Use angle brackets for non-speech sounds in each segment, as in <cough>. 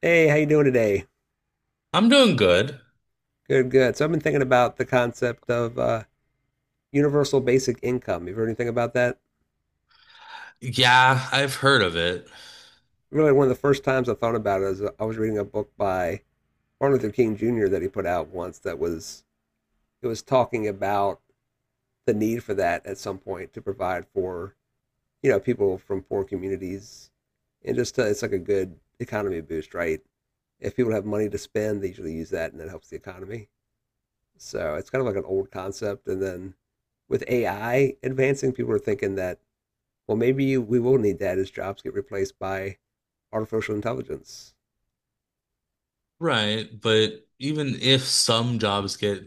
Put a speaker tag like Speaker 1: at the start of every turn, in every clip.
Speaker 1: Hey, how you doing today?
Speaker 2: I'm doing good.
Speaker 1: Good, good. So I've been thinking about the concept of universal basic income. You've heard anything about that?
Speaker 2: Yeah, I've heard of it.
Speaker 1: Really, one of the first times I thought about it is I was reading a book by Martin Luther King Jr. that he put out once that was it was talking about the need for that at some point to provide for people from poor communities and it's like a good economy boost, right? If people have money to spend, they usually use that and that helps the economy. So it's kind of like an old concept. And then with AI advancing, people are thinking that, well, maybe we will need that as jobs get replaced by artificial intelligence.
Speaker 2: Right, but even if some jobs get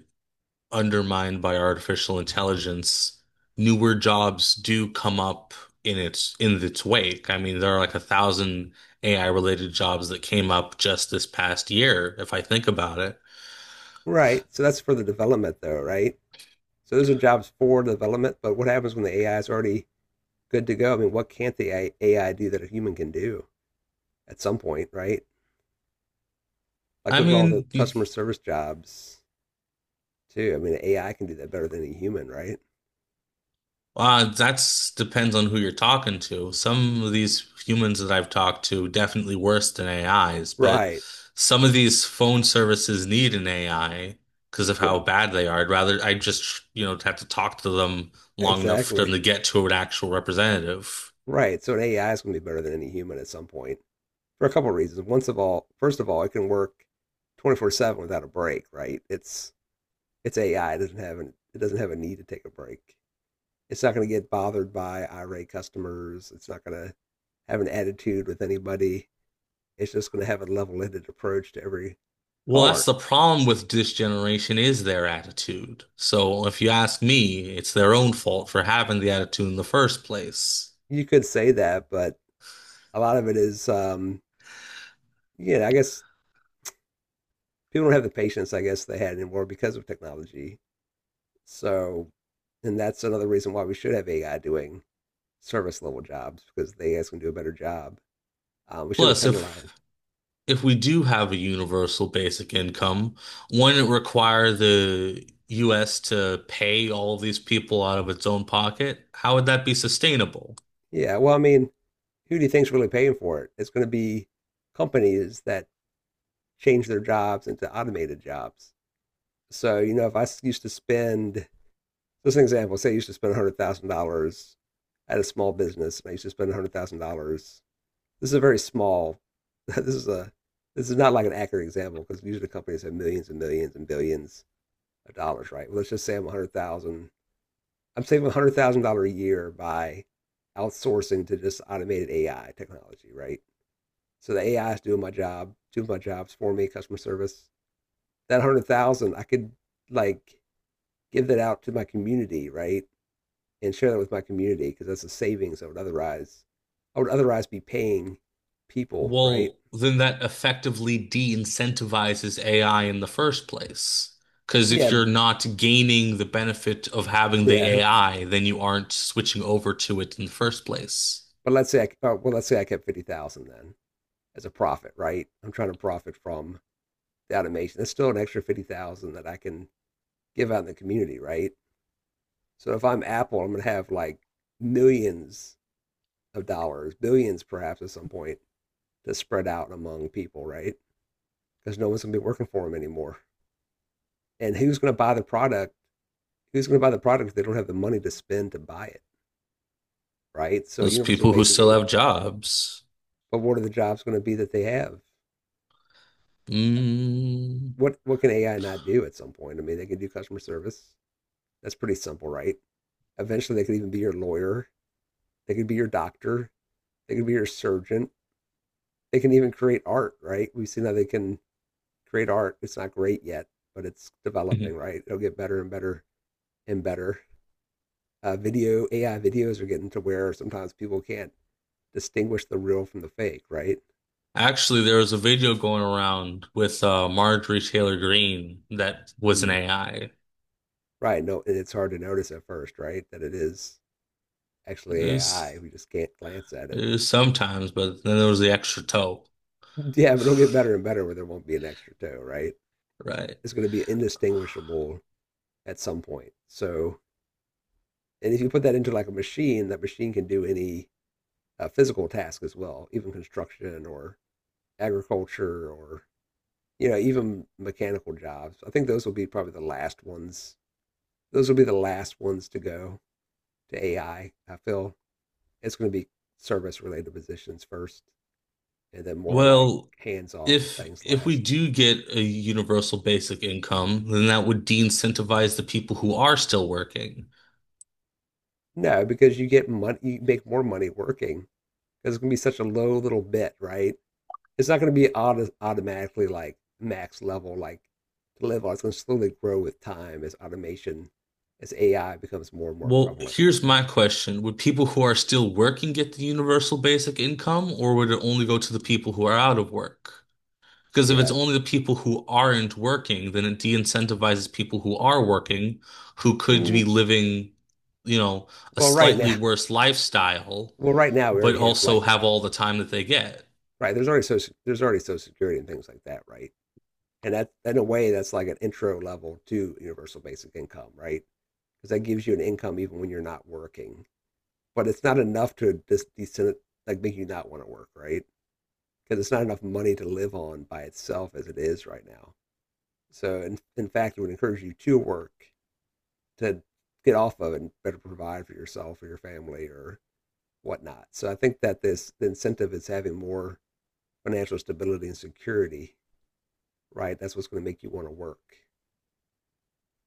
Speaker 2: undermined by artificial intelligence, newer jobs do come up in its wake. I mean, there are like a thousand AI related jobs that came up just this past year, if I think about it.
Speaker 1: Right. So that's for the development, though, right? So those are jobs for development. But what happens when the AI is already good to go? I mean, what can't the AI do that a human can do at some point, right? Like,
Speaker 2: I
Speaker 1: look at all the
Speaker 2: mean,
Speaker 1: customer service jobs, too. I mean, AI can do that better than a human, right?
Speaker 2: That's depends on who you're talking to. Some of these humans that I've talked to definitely worse than AIs, but
Speaker 1: Right.
Speaker 2: some of these phone services need an AI because of how
Speaker 1: Well,
Speaker 2: bad they are. I'd rather I just, you know, have to talk to them long enough for them
Speaker 1: exactly.
Speaker 2: to get to an actual representative.
Speaker 1: Right. So an AI is going to be better than any human at some point for a couple of reasons. First of all, it can work 24/7 without a break, right? It's AI. It doesn't have a need to take a break. It's not going to get bothered by irate customers. It's not going to have an attitude with anybody. It's just going to have a level-headed approach to every
Speaker 2: Well, that's
Speaker 1: caller.
Speaker 2: the problem with this generation is their attitude. So if you ask me, it's their own fault for having the attitude in the first place.
Speaker 1: You could say that, but a lot of it is, yeah, I guess people don't have the patience I guess they had anymore because of technology. So, and that's another reason why we should have AI doing service level jobs because the AI's going to do a better job. We shouldn't,
Speaker 2: Plus,
Speaker 1: yes,
Speaker 2: if
Speaker 1: penalize.
Speaker 2: if we do have a universal basic income, wouldn't it require the US to pay all these people out of its own pocket? How would that be sustainable?
Speaker 1: Yeah. Well, I mean, who do you think's really paying for it? It's going to be companies that change their jobs into automated jobs. So, if I used to spend, just an example, say I used to spend $100,000 at a small business and I used to spend $100,000. This is a very small, <laughs> this is a, this is not like an accurate example because usually companies have millions and millions and billions dollars, right? Well, let's just say I'm 100,000. I'm saving $100,000 a year by outsourcing to just automated AI technology, right? So the AI is doing my job, doing my jobs for me, customer service. That 100,000 dollars, I could, like, give that out to my community, right? And share that with my community because that's a savings I would otherwise be paying people, right?
Speaker 2: Well, then that effectively de-incentivizes AI in the first place. Because if
Speaker 1: Yeah,
Speaker 2: you're not gaining the benefit of having the
Speaker 1: yeah.
Speaker 2: AI, then you aren't switching over to it in the first place.
Speaker 1: But let's say I kept 50,000 then as a profit, right? I'm trying to profit from automation. That's still an extra 50,000 that I can give out in the community, right? So if I'm Apple, I'm gonna have like millions of dollars, billions perhaps at some point to spread out among people, right? Because no one's gonna be working for them anymore. And who's gonna buy the product? Who's gonna buy the product if they don't have the money to spend to buy it, right? So
Speaker 2: Those
Speaker 1: universal
Speaker 2: people who
Speaker 1: basic.
Speaker 2: still have jobs.
Speaker 1: But what are the jobs gonna be that they have?
Speaker 2: Mm.
Speaker 1: What can AI not do at some point? I mean, they can do customer service. That's pretty simple, right? Eventually, they could even be your lawyer. They could be your doctor. They can be your surgeon. They can even create art, right? We've seen that they can create art. It's not great yet, but it's developing,
Speaker 2: <laughs>
Speaker 1: right? It'll get better and better and better. Video AI videos are getting to where sometimes people can't distinguish the real from the fake, right?
Speaker 2: Actually, there was a video going around with Marjorie Taylor Greene that was an
Speaker 1: Mm.
Speaker 2: AI.
Speaker 1: Right. No, and it's hard to notice at first, right? That it is
Speaker 2: It
Speaker 1: actually
Speaker 2: was,
Speaker 1: AI. We just can't glance at it.
Speaker 2: it was sometimes, but then there was the extra toe.
Speaker 1: Yeah, but it'll get better and better where there won't be an extra toe, right?
Speaker 2: Right.
Speaker 1: It's going to be indistinguishable at some point. And if you put that into like a machine, that machine can do any physical task as well, even construction or agriculture or even mechanical jobs. I think those will be probably the last ones. Those will be the last ones to go to AI. I feel it's going to be service related positions first, and then more like
Speaker 2: Well,
Speaker 1: hands on
Speaker 2: if
Speaker 1: things
Speaker 2: if we
Speaker 1: last.
Speaker 2: do get a universal basic income, then that would de-incentivize the people who are still working.
Speaker 1: No, because you get money, you make more money working because it's going to be such a low little bit, right? It's not going to be automatically like max level like to live on. It's going to slowly grow with time as automation, as AI becomes more and more
Speaker 2: Well,
Speaker 1: prevalent.
Speaker 2: here's my question. Would people who are still working get the universal basic income, or would it only go to the people who are out of work? Because if it's
Speaker 1: Yeah.
Speaker 2: only the people who aren't working, then it de-incentivizes people who are working, who could
Speaker 1: Mm,
Speaker 2: be living, you know, a
Speaker 1: Well, right
Speaker 2: slightly
Speaker 1: now,
Speaker 2: worse lifestyle,
Speaker 1: we
Speaker 2: but
Speaker 1: already have
Speaker 2: also
Speaker 1: like
Speaker 2: have all the time that they get.
Speaker 1: right. There's already social security and things like that, right? And that in a way that's like an intro level to universal basic income, right? Because that gives you an income even when you're not working, but it's not enough to just decent like make you not want to work, right? Because it's not enough money to live on by itself as it is right now. So, in fact, it would encourage you to work to get off of it and better provide for yourself or your family or whatnot. So, I think that this the incentive is having more financial stability and security, right? That's what's going to make you want to work,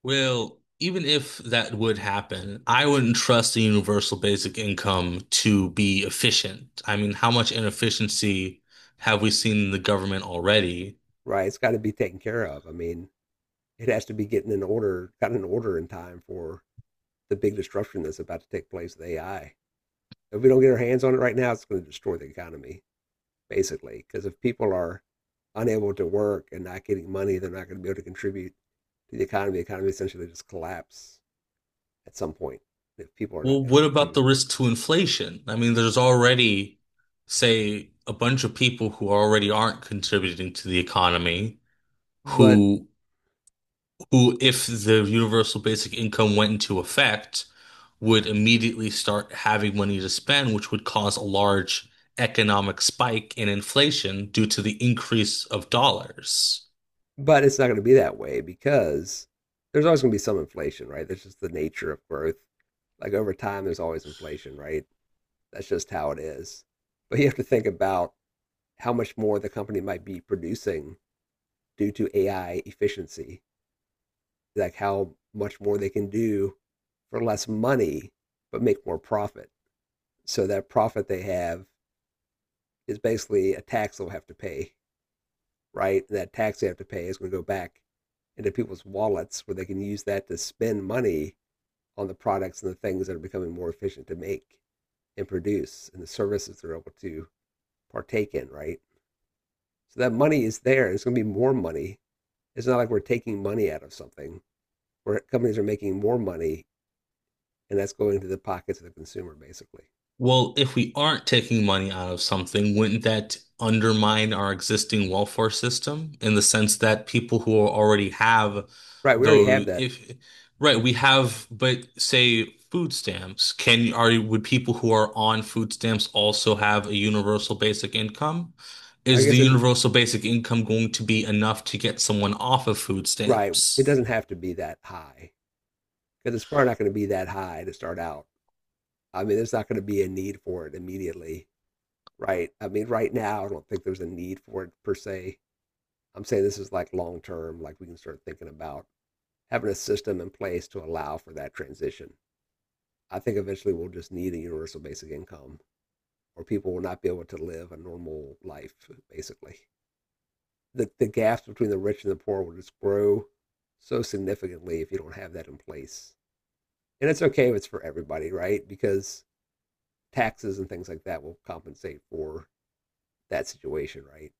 Speaker 2: Well, even if that would happen, I wouldn't trust the universal basic income to be efficient. I mean, how much inefficiency have we seen in the government already?
Speaker 1: right? It's got to be taken care of. I mean, it has to be got in order in time for the big disruption that's about to take place with AI. If we don't get our hands on it right now, it's going to destroy the economy, basically. Because if people are unable to work and not getting money, they're not going to be able to contribute to the economy. The economy essentially just collapse at some point if people are not
Speaker 2: Well, what
Speaker 1: able
Speaker 2: about
Speaker 1: to.
Speaker 2: the risk to inflation? I mean, there's already, say, a bunch of people who already aren't contributing to the economy,
Speaker 1: But
Speaker 2: who who, if the universal basic income went into effect, would immediately start having money to spend, which would cause a large economic spike in inflation due to the increase of dollars.
Speaker 1: but it's not going to be that way because there's always going to be some inflation, right? That's just the nature of growth. Like over time, there's always inflation, right? That's just how it is. But you have to think about how much more the company might be producing due to AI efficiency like how much more they can do for less money but make more profit. So that profit they have is basically a tax they'll have to pay, right? And that tax they have to pay is going to go back into people's wallets where they can use that to spend money on the products and the things that are becoming more efficient to make and produce and the services they're able to partake in, right? So that money is there and it's going to be more money. It's not like we're taking money out of something where companies are making more money and that's going to the pockets of the consumer, basically.
Speaker 2: Well, if we aren't taking money out of something, wouldn't that undermine our existing welfare system in the sense that people who already have
Speaker 1: Right. We already have
Speaker 2: those,
Speaker 1: that.
Speaker 2: if, right, we have, but say food stamps, can, are, would people who are on food stamps also have a universal basic income?
Speaker 1: I
Speaker 2: Is the
Speaker 1: guess it.
Speaker 2: universal basic income going to be enough to get someone off of food
Speaker 1: Right. It
Speaker 2: stamps?
Speaker 1: doesn't have to be that high because it's probably not going to be that high to start out. I mean, there's not going to be a need for it immediately, right? I mean, right now, I don't think there's a need for it per se. I'm saying this is like long term, like we can start thinking about having a system in place to allow for that transition. I think eventually we'll just need a universal basic income, or people will not be able to live a normal life, basically. The gaps between the rich and the poor will just grow so significantly if you don't have that in place. And it's okay if it's for everybody, right? Because taxes and things like that will compensate for that situation, right?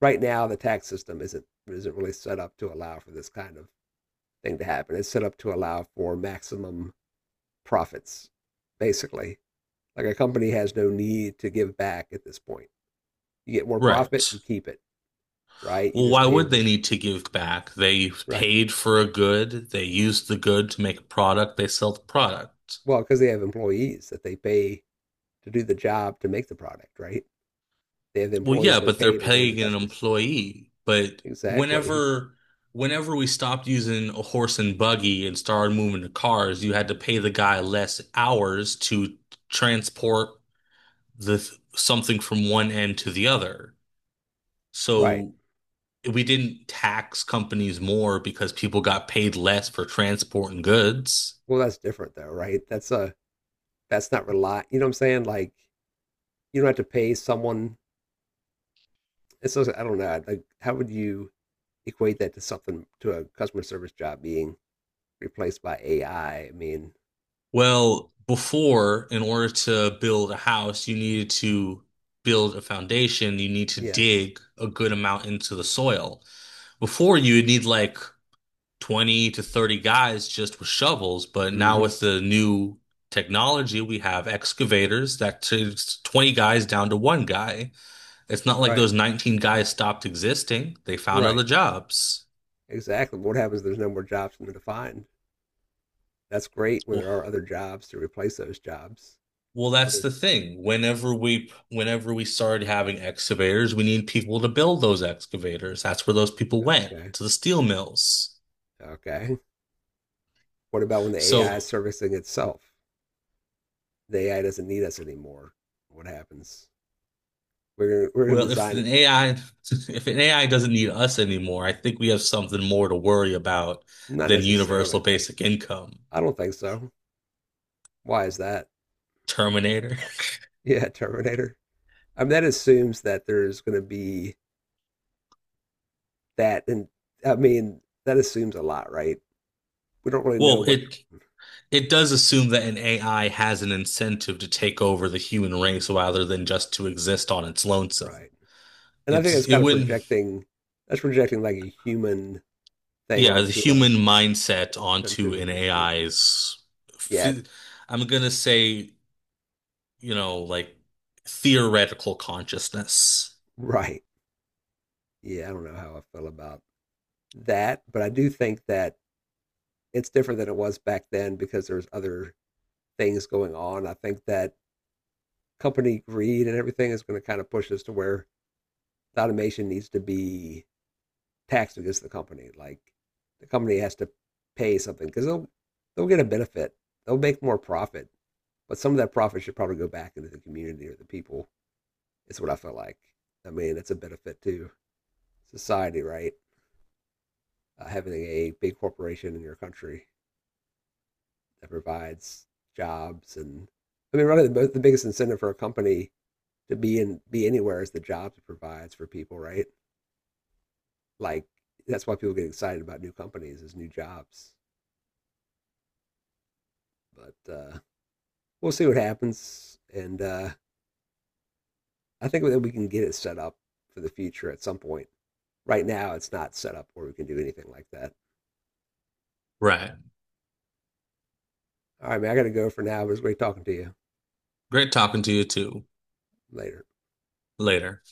Speaker 1: Right now, the tax system isn't really set up to allow for this kind of thing to happen. It's set up to allow for maximum profits, basically. Like a company has no need to give back at this point. You get more profit,
Speaker 2: Right.
Speaker 1: you keep it, right? You
Speaker 2: Well,
Speaker 1: just
Speaker 2: why
Speaker 1: pay,
Speaker 2: would they need to give back? They
Speaker 1: right? <laughs>
Speaker 2: paid for a good, they used the good to make a product, they sell the product.
Speaker 1: Well, because they have employees that they pay to do the job to make the product, right? They have the
Speaker 2: Well,
Speaker 1: employees
Speaker 2: yeah,
Speaker 1: they
Speaker 2: but they're
Speaker 1: pay to run the
Speaker 2: paying an
Speaker 1: customers.
Speaker 2: employee. But
Speaker 1: Exactly. Yeah.
Speaker 2: whenever whenever we stopped using a horse and buggy and started moving to cars, you had to pay the guy less hours to transport the something from one end to the other.
Speaker 1: Right.
Speaker 2: So we didn't tax companies more because people got paid less for transporting goods.
Speaker 1: Well, that's different though, right? That's not rely. You know what I'm saying? Like you don't have to pay someone. It's just, I don't know. Like how would you equate that to something to a customer service job being replaced by AI? I mean,
Speaker 2: Well, before, in order to build a house, you needed to build a foundation. You need to
Speaker 1: yes.
Speaker 2: dig a good amount into the soil. Before, you would need like 20 to 30 guys just with shovels. But now,
Speaker 1: Hmm.
Speaker 2: with the new technology, we have excavators that takes 20 guys down to one guy. It's not like
Speaker 1: Right.
Speaker 2: those 19 guys stopped existing, they found
Speaker 1: Right.
Speaker 2: other jobs.
Speaker 1: Exactly. What happens if there's no more jobs for them to find. That's great when there are
Speaker 2: Well,
Speaker 1: other jobs to replace those jobs.
Speaker 2: Well, that's
Speaker 1: Other,
Speaker 2: the thing. Whenever we started having excavators, we need people to build those excavators. That's where those people went,
Speaker 1: okay.
Speaker 2: to the steel mills.
Speaker 1: Okay. What about when the AI
Speaker 2: So,
Speaker 1: is servicing itself? The AI doesn't need us anymore. What happens? We're going to
Speaker 2: well, if
Speaker 1: design it.
Speaker 2: an AI <laughs> if an AI doesn't need us anymore, I think we have something more to worry about
Speaker 1: Not
Speaker 2: than
Speaker 1: necessarily,
Speaker 2: universal
Speaker 1: right?
Speaker 2: basic income.
Speaker 1: I don't think so. Why is that? <laughs>
Speaker 2: Terminator. <laughs>
Speaker 1: Yeah, Terminator. I mean, that assumes that there's going to be that, and I mean, that assumes a lot, right? We don't really know
Speaker 2: Well,
Speaker 1: what.
Speaker 2: it does assume that an AI has an incentive to take over the human race rather than just to exist on its
Speaker 1: <laughs>
Speaker 2: lonesome.
Speaker 1: Right? And I think
Speaker 2: It's
Speaker 1: that's
Speaker 2: it
Speaker 1: kind of
Speaker 2: wouldn't
Speaker 1: projecting. That's projecting like a human thing
Speaker 2: Yeah, the
Speaker 1: onto a
Speaker 2: human mindset onto an
Speaker 1: machine.
Speaker 2: AI's,
Speaker 1: Yeah,
Speaker 2: phy- I'm gonna say, you know, like theoretical consciousness.
Speaker 1: right. Yeah, I don't know how I feel about that, but I do think that it's different than it was back then because there's other things going on. I think that company greed and everything is going to kind of push us to where the automation needs to be taxed against the company. Like the company has to pay something because they'll get a benefit, they'll make more profit, but some of that profit should probably go back into the community or the people. It's what I feel like. I mean, it's a benefit to society, right? Having a big corporation in your country that provides jobs and I mean, really, the biggest incentive for a company to be anywhere is the jobs it provides for people, right? Like that's why people get excited about new companies is new jobs. But we'll see what happens, and I think that we can get it set up for the future at some point. Right now, it's not set up where we can do anything like that.
Speaker 2: Right.
Speaker 1: All right, man, I got to go for now. But it was great talking to you.
Speaker 2: Great talking to you too.
Speaker 1: Later.
Speaker 2: Later.